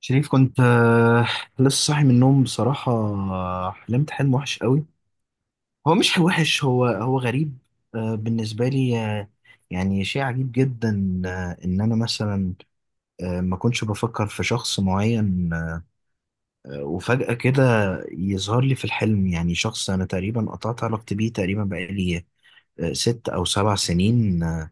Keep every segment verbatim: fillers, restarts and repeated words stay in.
شريف، كنت آه، لسه صاحي من النوم بصراحة. آه، حلمت حلم وحش قوي. هو مش وحش، هو هو غريب. آه، بالنسبة لي، آه، يعني شيء عجيب جدا. آه، إن أنا مثلا آه، ما كنتش بفكر في شخص معين، آه، وفجأة كده يظهر لي في الحلم يعني شخص أنا تقريبا قطعت علاقتي بيه، تقريبا بقالي آه، ست أو سبع سنين. آه،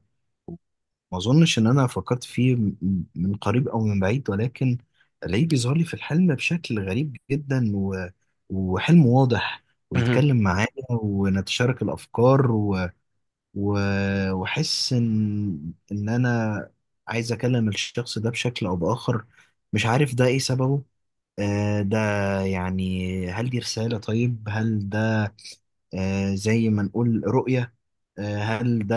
ما اظنش ان انا فكرت فيه م- م- من قريب او من بعيد، ولكن الاقيه بيظهر لي في الحلم بشكل غريب جدا و... وحلم واضح، مهم. ويتكلم معايا ونتشارك الافكار و... و... واحس ان ان انا عايز اكلم الشخص ده بشكل او باخر. مش عارف ده ايه سببه. آه ده يعني هل دي رسالة؟ طيب هل ده آه، زي ما نقول رؤية؟ آه، هل ده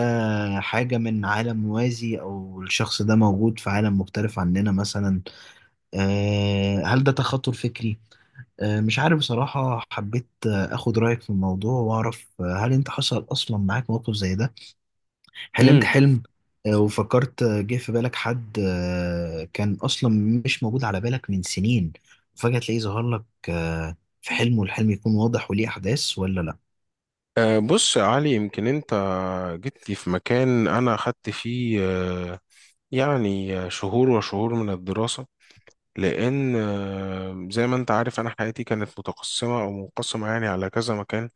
حاجة من عالم موازي، أو الشخص ده موجود في عالم مختلف عننا مثلا؟ آه، هل ده تخاطر فكري؟ آه، مش عارف بصراحة. حبيت آه، أخد رأيك في الموضوع وأعرف، آه، هل أنت حصل أصلا معاك موقف زي ده؟ حلمت مم. حلم، آه، وفكرت. آه، جه في بالك حد آه، كان أصلا مش موجود على بالك من سنين، وفجأة تلاقيه ظهر لك آه، في حلم، والحلم يكون واضح وليه أحداث، ولا لأ؟ آه، بص يا علي، يمكن انت جيت لي في مكان انا خدت فيه آه، يعني آه، شهور وشهور من الدراسة. لان آه، زي ما انت عارف، انا حياتي كانت متقسمة او منقسمة يعني على كذا مكان.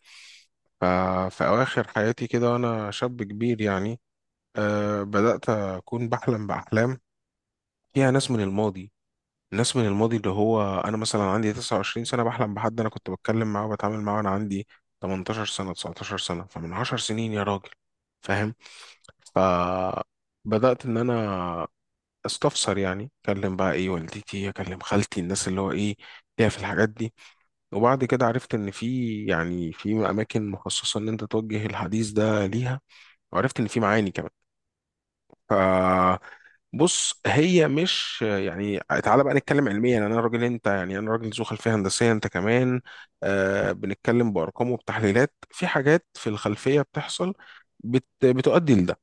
ففي اواخر حياتي كده وانا شاب كبير يعني، آه، بدأت اكون بحلم باحلام فيها ناس من الماضي. ناس من الماضي اللي هو انا مثلا عندي تسعة وعشرين سنة سنه، بحلم بحد انا كنت بتكلم معاه وبتعامل معاه وانا عندي تمنتاشر سنة سنه تسعتاشر سنة سنه، فمن 10 سنين يا راجل. فاهم؟ فبدات ان انا استفسر، يعني اكلم بقى ايه والدتي، اكلم خالتي، الناس اللي هو ايه ليها في الحاجات دي. وبعد كده عرفت ان في يعني في اماكن مخصصه ان انت توجه الحديث ده ليها، وعرفت ان في معاني كمان. ف بص، هي مش يعني، تعالى بقى نتكلم علميا. انا راجل انت يعني، انا راجل ذو خلفيه هندسيه، انت كمان. آه بنتكلم بارقام وبتحليلات، في حاجات في الخلفيه بتحصل بت بتؤدي لده.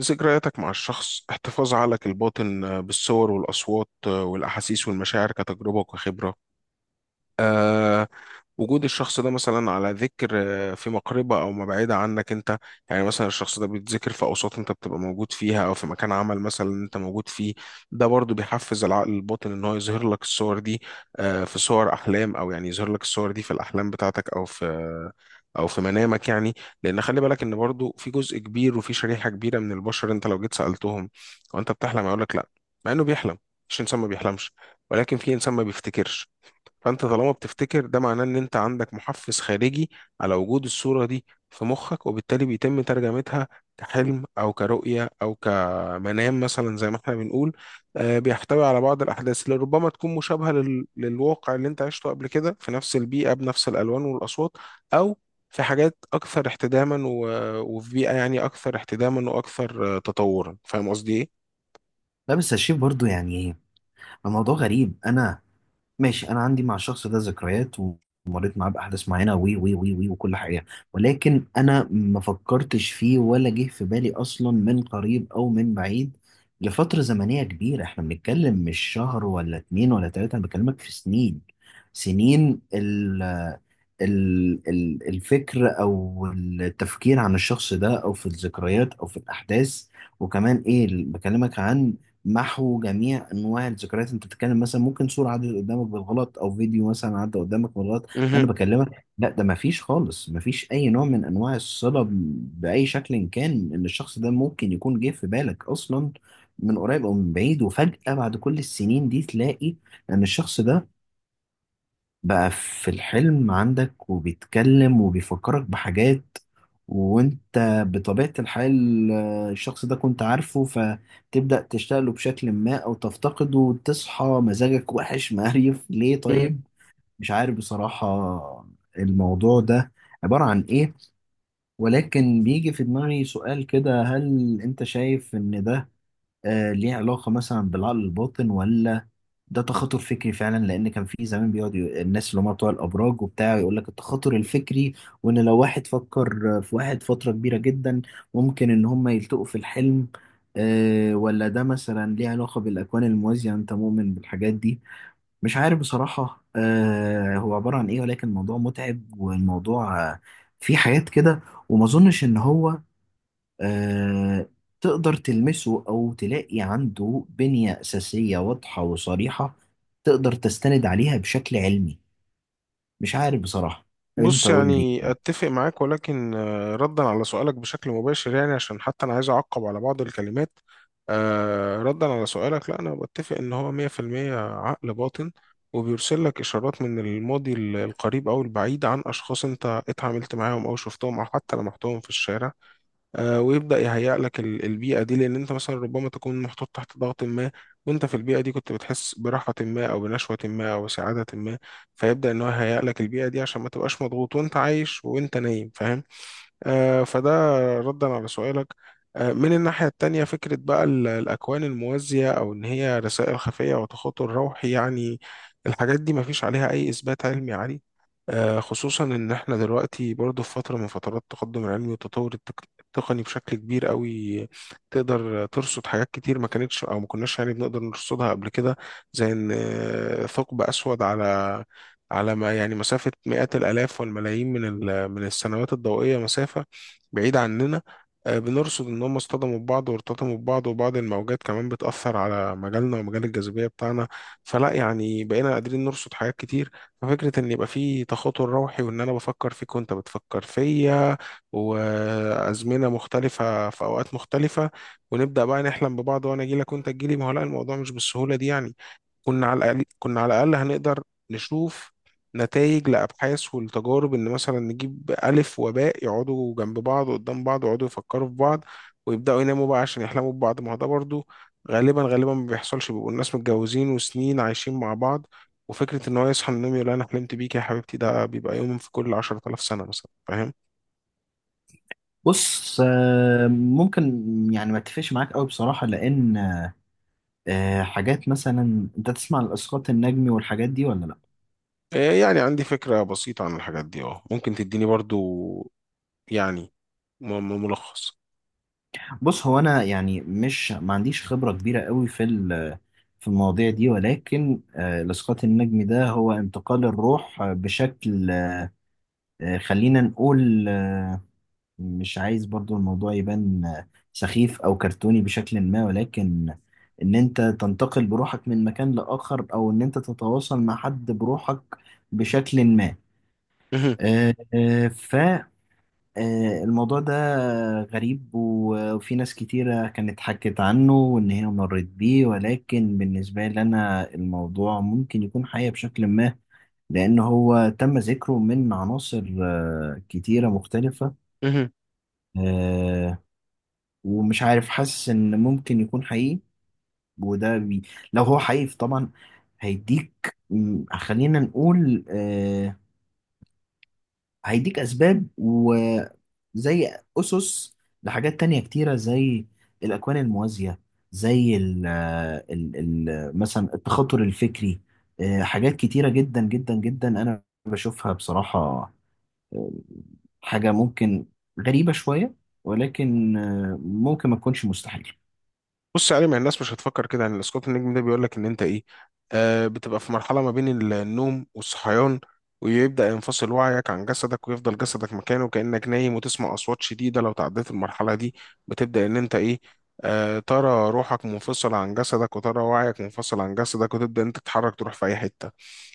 ذكرياتك مع الشخص، احتفاظ عقلك الباطن آه، بالصور والاصوات آه، والاحاسيس والمشاعر كتجربه وكخبره. وجود الشخص ده مثلا على ذكر، آه، في مقربة أو ما بعيدة عنك أنت. يعني مثلا الشخص ده بيتذكر في أوساط أنت بتبقى موجود فيها، أو في مكان عمل مثلا أنت موجود فيه، ده برضو بيحفز العقل الباطن إن هو يظهر لك الصور دي. آه، في صور أحلام، أو يعني يظهر لك الصور دي في الأحلام بتاعتك، أو في او في منامك يعني. لان خلي بالك ان برضو في جزء كبير وفي شريحه كبيره من البشر، انت لو جيت سالتهم وانت بتحلم هيقول لك لا، مع انه بيحلم. مش انسان ما بيحلمش، ولكن في انسان ما بيفتكرش. فانت طالما بتفتكر، ده معناه ان انت عندك محفز خارجي على وجود الصورة دي في مخك، وبالتالي بيتم ترجمتها كحلم او كرؤية او كمنام مثلا، زي ما احنا بنقول. آه، بيحتوي على بعض الاحداث اللي ربما تكون مشابهة لل- للواقع اللي انت عشته قبل كده، في نفس البيئة بنفس الالوان والاصوات، او في حاجات اكثر احتداما و- وفي بيئة يعني اكثر احتداما واكثر آه، تطورا. فاهم قصدي ايه؟ لا، بس الشيف، برضو يعني الموضوع غريب. انا ماشي، انا عندي مع الشخص ده ذكريات ومريت معاه باحداث معينه وي وي وي وي وكل حاجه، ولكن انا ما فكرتش فيه ولا جه في بالي اصلا من قريب او من بعيد لفتره زمنيه كبيره. احنا بنتكلم مش شهر ولا اتنين ولا تلاته، انا بكلمك في سنين. سنين ال ال ال الفكر او التفكير عن الشخص ده او في الذكريات او في الاحداث. وكمان ايه؟ بكلمك عن محو جميع انواع الذكريات. انت بتتكلم مثلا ممكن صوره عدت قدامك بالغلط، او فيديو مثلا عدى قدامك بالغلط، انا بكلمك لا، ده ما فيش خالص، ما فيش اي نوع من انواع الصله ب- باي شكل إن كان ان الشخص ده ممكن يكون جه في بالك اصلا من قريب او من بعيد. وفجاه بعد كل السنين دي تلاقي ان الشخص ده بقى في الحلم عندك وبيتكلم وبيفكرك بحاجات. وانت بطبيعة الحال آه، الشخص ده كنت عارفه، فتبدأ تشتغله بشكل ما او تفتقده، وتصحى مزاجك وحش مقريف. ليه؟ مهم. طيب مش عارف بصراحة الموضوع ده عبارة عن ايه، ولكن بيجي في دماغي سؤال كده: هل انت شايف ان ده آه، ليه علاقة مثلا بالعقل الباطن، ولا ده تخاطر فكري فعلا؟ لان كان في زمان بيقعد ي- الناس اللي هم بتوع الابراج وبتاع يقول لك التخاطر الفكري، وان لو واحد فكر في واحد فتره كبيره جدا ممكن ان هم يلتقوا في الحلم. آه، ولا ده مثلا ليه علاقه بالاكوان الموازيه؟ انت مؤمن بالحاجات دي؟ مش عارف بصراحه آه، هو عباره عن ايه. ولكن الموضوع متعب، والموضوع آه، فيه حاجات كده. وما اظنش ان هو آه، تقدر تلمسه أو تلاقي عنده بنية أساسية واضحة وصريحة تقدر تستند عليها بشكل علمي. مش عارف بصراحة. أنت بص قول يعني لي. اتفق معاك، ولكن آه، ردا على سؤالك بشكل مباشر، يعني عشان حتى انا عايز اعقب على بعض الكلمات. آه، ردا على سؤالك، لا انا بتفق ان هو مية في المية عقل باطن، وبيرسل لك اشارات من الماضي ال- القريب او البعيد عن اشخاص انت اتعاملت معاهم او شفتهم او حتى لمحتهم في الشارع. آه، ويبدأ يهيئ لك ال- البيئة دي، لأن أنت مثلا ربما تكون محطوط تحت ضغط ما، وأنت في البيئة دي كنت بتحس براحة ما أو بنشوة ما أو سعادة ما، فيبدأ إن هو يهيئ لك البيئة دي عشان ما تبقاش مضغوط وأنت عايش وأنت نايم. فاهم؟ آه، فده ردا على سؤالك. آه، من الناحية التانية، فكرة بقى ال- الأكوان الموازية، أو إن هي رسائل خفية وتخاطر روحي يعني، الحاجات دي مفيش عليها أي إثبات علمي عالي. آه، خصوصا إن إحنا دلوقتي برضو في فترة من فترات التقدم العلمي والتطور التك- التقني بشكل كبير قوي، تقدر ترصد حاجات كتير ما كانتش أو ما كناش يعني بنقدر نرصدها قبل كده. زي إن آه، ثقب أسود على على ما يعني مسافة مئات الآلاف والملايين من ال- من السنوات الضوئية، مسافة بعيدة عننا. آه، بنرصد إن هم اصطدموا ببعض وارتطموا ببعض، وبعض الموجات كمان بتأثر على مجالنا ومجال الجاذبية بتاعنا، فلا يعني بقينا قادرين نرصد حاجات كتير. ففكرة إن يبقى في تخاطر روحي، وإن أنا بفكر فيك وأنت بتفكر فيا، وأزمنة مختلفة في أوقات مختلفة، ونبدأ بقى نحلم ببعض وأنا أجيلك وأنت تجيلي، ما هو لا، الموضوع مش بالسهولة دي يعني. كنا على الأقل، كنا على الأقل هنقدر نشوف نتائج لأبحاث ولتجارب، إن مثلا نجيب ألف وباء يقعدوا جنب بعض وقدام بعض ويقعدوا يفكروا في بعض ويبدأوا يناموا بقى عشان يحلموا ببعض. ما هو ده برضه غالبا غالبا ما بيحصلش، بيبقوا الناس متجوزين وسنين عايشين مع بعض، وفكرة إن هو يصحى من النوم يقول أنا حلمت بيك يا حبيبتي، ده بيبقى يوم في كل عشرة آلاف سنة مثلا. فاهم؟ بص آه، ممكن يعني ما اتفقش معاك قوي بصراحة. لأن آه، حاجات مثلا أنت تسمع عن الإسقاط النجمي والحاجات دي، ولا لأ؟ إيه يعني عندي فكرة بسيطة عن الحاجات دي، أه ممكن تديني برضه يعني م- م- ملخص. بص هو أنا يعني مش ما عنديش خبرة كبيرة قوي في ال- في المواضيع دي. ولكن آه، الإسقاط النجمي ده هو انتقال الروح بشكل آه، خلينا نقول آه، مش عايز برضو الموضوع يبان آه، سخيف أو كرتوني بشكل ما. ولكن إن أنت تنتقل بروحك من مكان لآخر، أو إن أنت تتواصل مع حد بروحك بشكل ما. آه، آه، آه، الموضوع ده غريب، و- وفي ناس كتيرة كانت حكت عنه وإن هي مرت بيه. ولكن بالنسبة لي أنا الموضوع ممكن يكون حقيقي بشكل ما، لأن هو تم ذكره من عناصر آه، كتيرة مختلفة. آه، ومش عارف، حاسس إن ممكن يكون حقيقي. وده بي لو هو حقيقي طبعا هيديك م، خلينا نقول آه، هيديك أسباب زي أسس لحاجات تانية كتيرة، زي الأكوان الموازية، زي ال آه، ال ال مثلا التخاطر الفكري. آه، حاجات كتيرة جدا جدا جدا أنا بشوفها بصراحة. آه، حاجة ممكن غريبة شوية، ولكن آه، ممكن ما تكونش مستحيل. بص يا علي، ما الناس مش هتفكر كده. يعني الاسقاط النجمي ده بيقول لك ان انت ايه، آه بتبقى في مرحله ما بين ال- النوم والصحيان، ويبدا ينفصل وعيك عن جسدك، ويفضل جسدك مكانه كانك نايم، وتسمع اصوات شديده. لو تعديت المرحله دي بتبدا ان انت ايه، آه ترى روحك منفصله عن جسدك وترى وعيك منفصل عن جسدك، وتبدا انت تتحرك تروح في اي حته.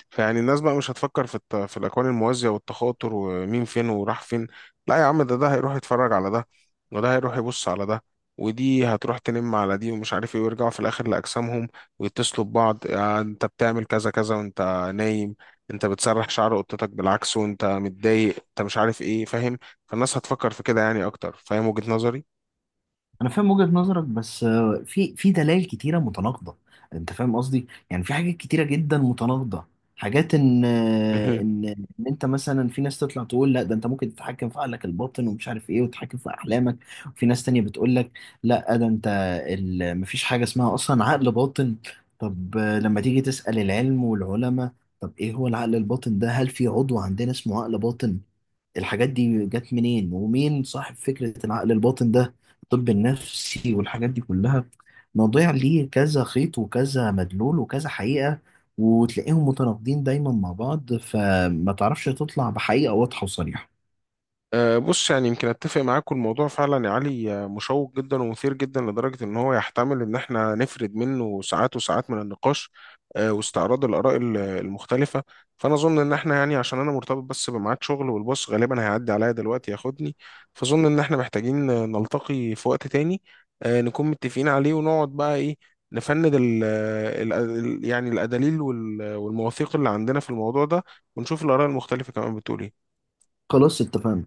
فيعني الناس بقى مش هتفكر في الت... في الاكوان الموازيه والتخاطر، ومين فين وراح فين. لا يا عم، ده ده هيروح يتفرج على ده، وده هيروح يبص على ده، ودي هتروح تنم على دي، ومش عارف ايه، ويرجعوا في الاخر لاجسامهم ويتصلوا ببعض. يعني انت بتعمل كذا كذا وانت نايم، انت بتسرح شعر قطتك بالعكس وانت متضايق، انت مش عارف ايه. فاهم؟ فالناس هتفكر في كده يعني اكتر. فاهم وجهة نظري؟ انا فاهم وجهة نظرك، بس آه، في في دلائل كتيره متناقضه. انت فاهم قصدي؟ يعني في حاجات كتيره جدا متناقضه. حاجات ان آه، ان ان انت مثلا، في ناس تطلع تقول لا ده انت ممكن تتحكم في عقلك الباطن ومش عارف ايه، وتتحكم في احلامك. وفي ناس تانية بتقول لك لا، ده انت ال- مفيش حاجه اسمها اصلا عقل باطن. طب آه، لما تيجي تسأل العلم والعلماء، طب ايه هو العقل الباطن ده؟ هل في عضو عندنا اسمه عقل باطن؟ الحاجات دي جت منين؟ ومين صاحب فكرة العقل الباطن ده؟ الطب النفسي والحاجات دي كلها مواضيع ليه كذا خيط وكذا مدلول وكذا حقيقة، وتلاقيهم متناقضين دايما مع بعض، فما تعرفش تطلع بحقيقة واضحة وصريحة. أه بص يعني يمكن اتفق معاك، الموضوع فعلا يا علي آه، مشوق جدا ومثير جدا لدرجه ان هو يحتمل ان احنا نفرد منه ساعات وساعات من النقاش، أه واستعراض الاراء ال- المختلفه. فانا اظن ان احنا يعني، عشان انا مرتبط بس بميعاد شغل والباص غالبا هيعدي عليا دلوقتي ياخدني، فاظن ان احنا محتاجين نلتقي في وقت تاني، أه نكون متفقين عليه، ونقعد بقى ايه نفند ال ال ال- يعني الادليل وال- والمواثيق اللي عندنا في الموضوع ده، ونشوف الاراء المختلفه كمان بتقول ايه. خلاص اتفقنا.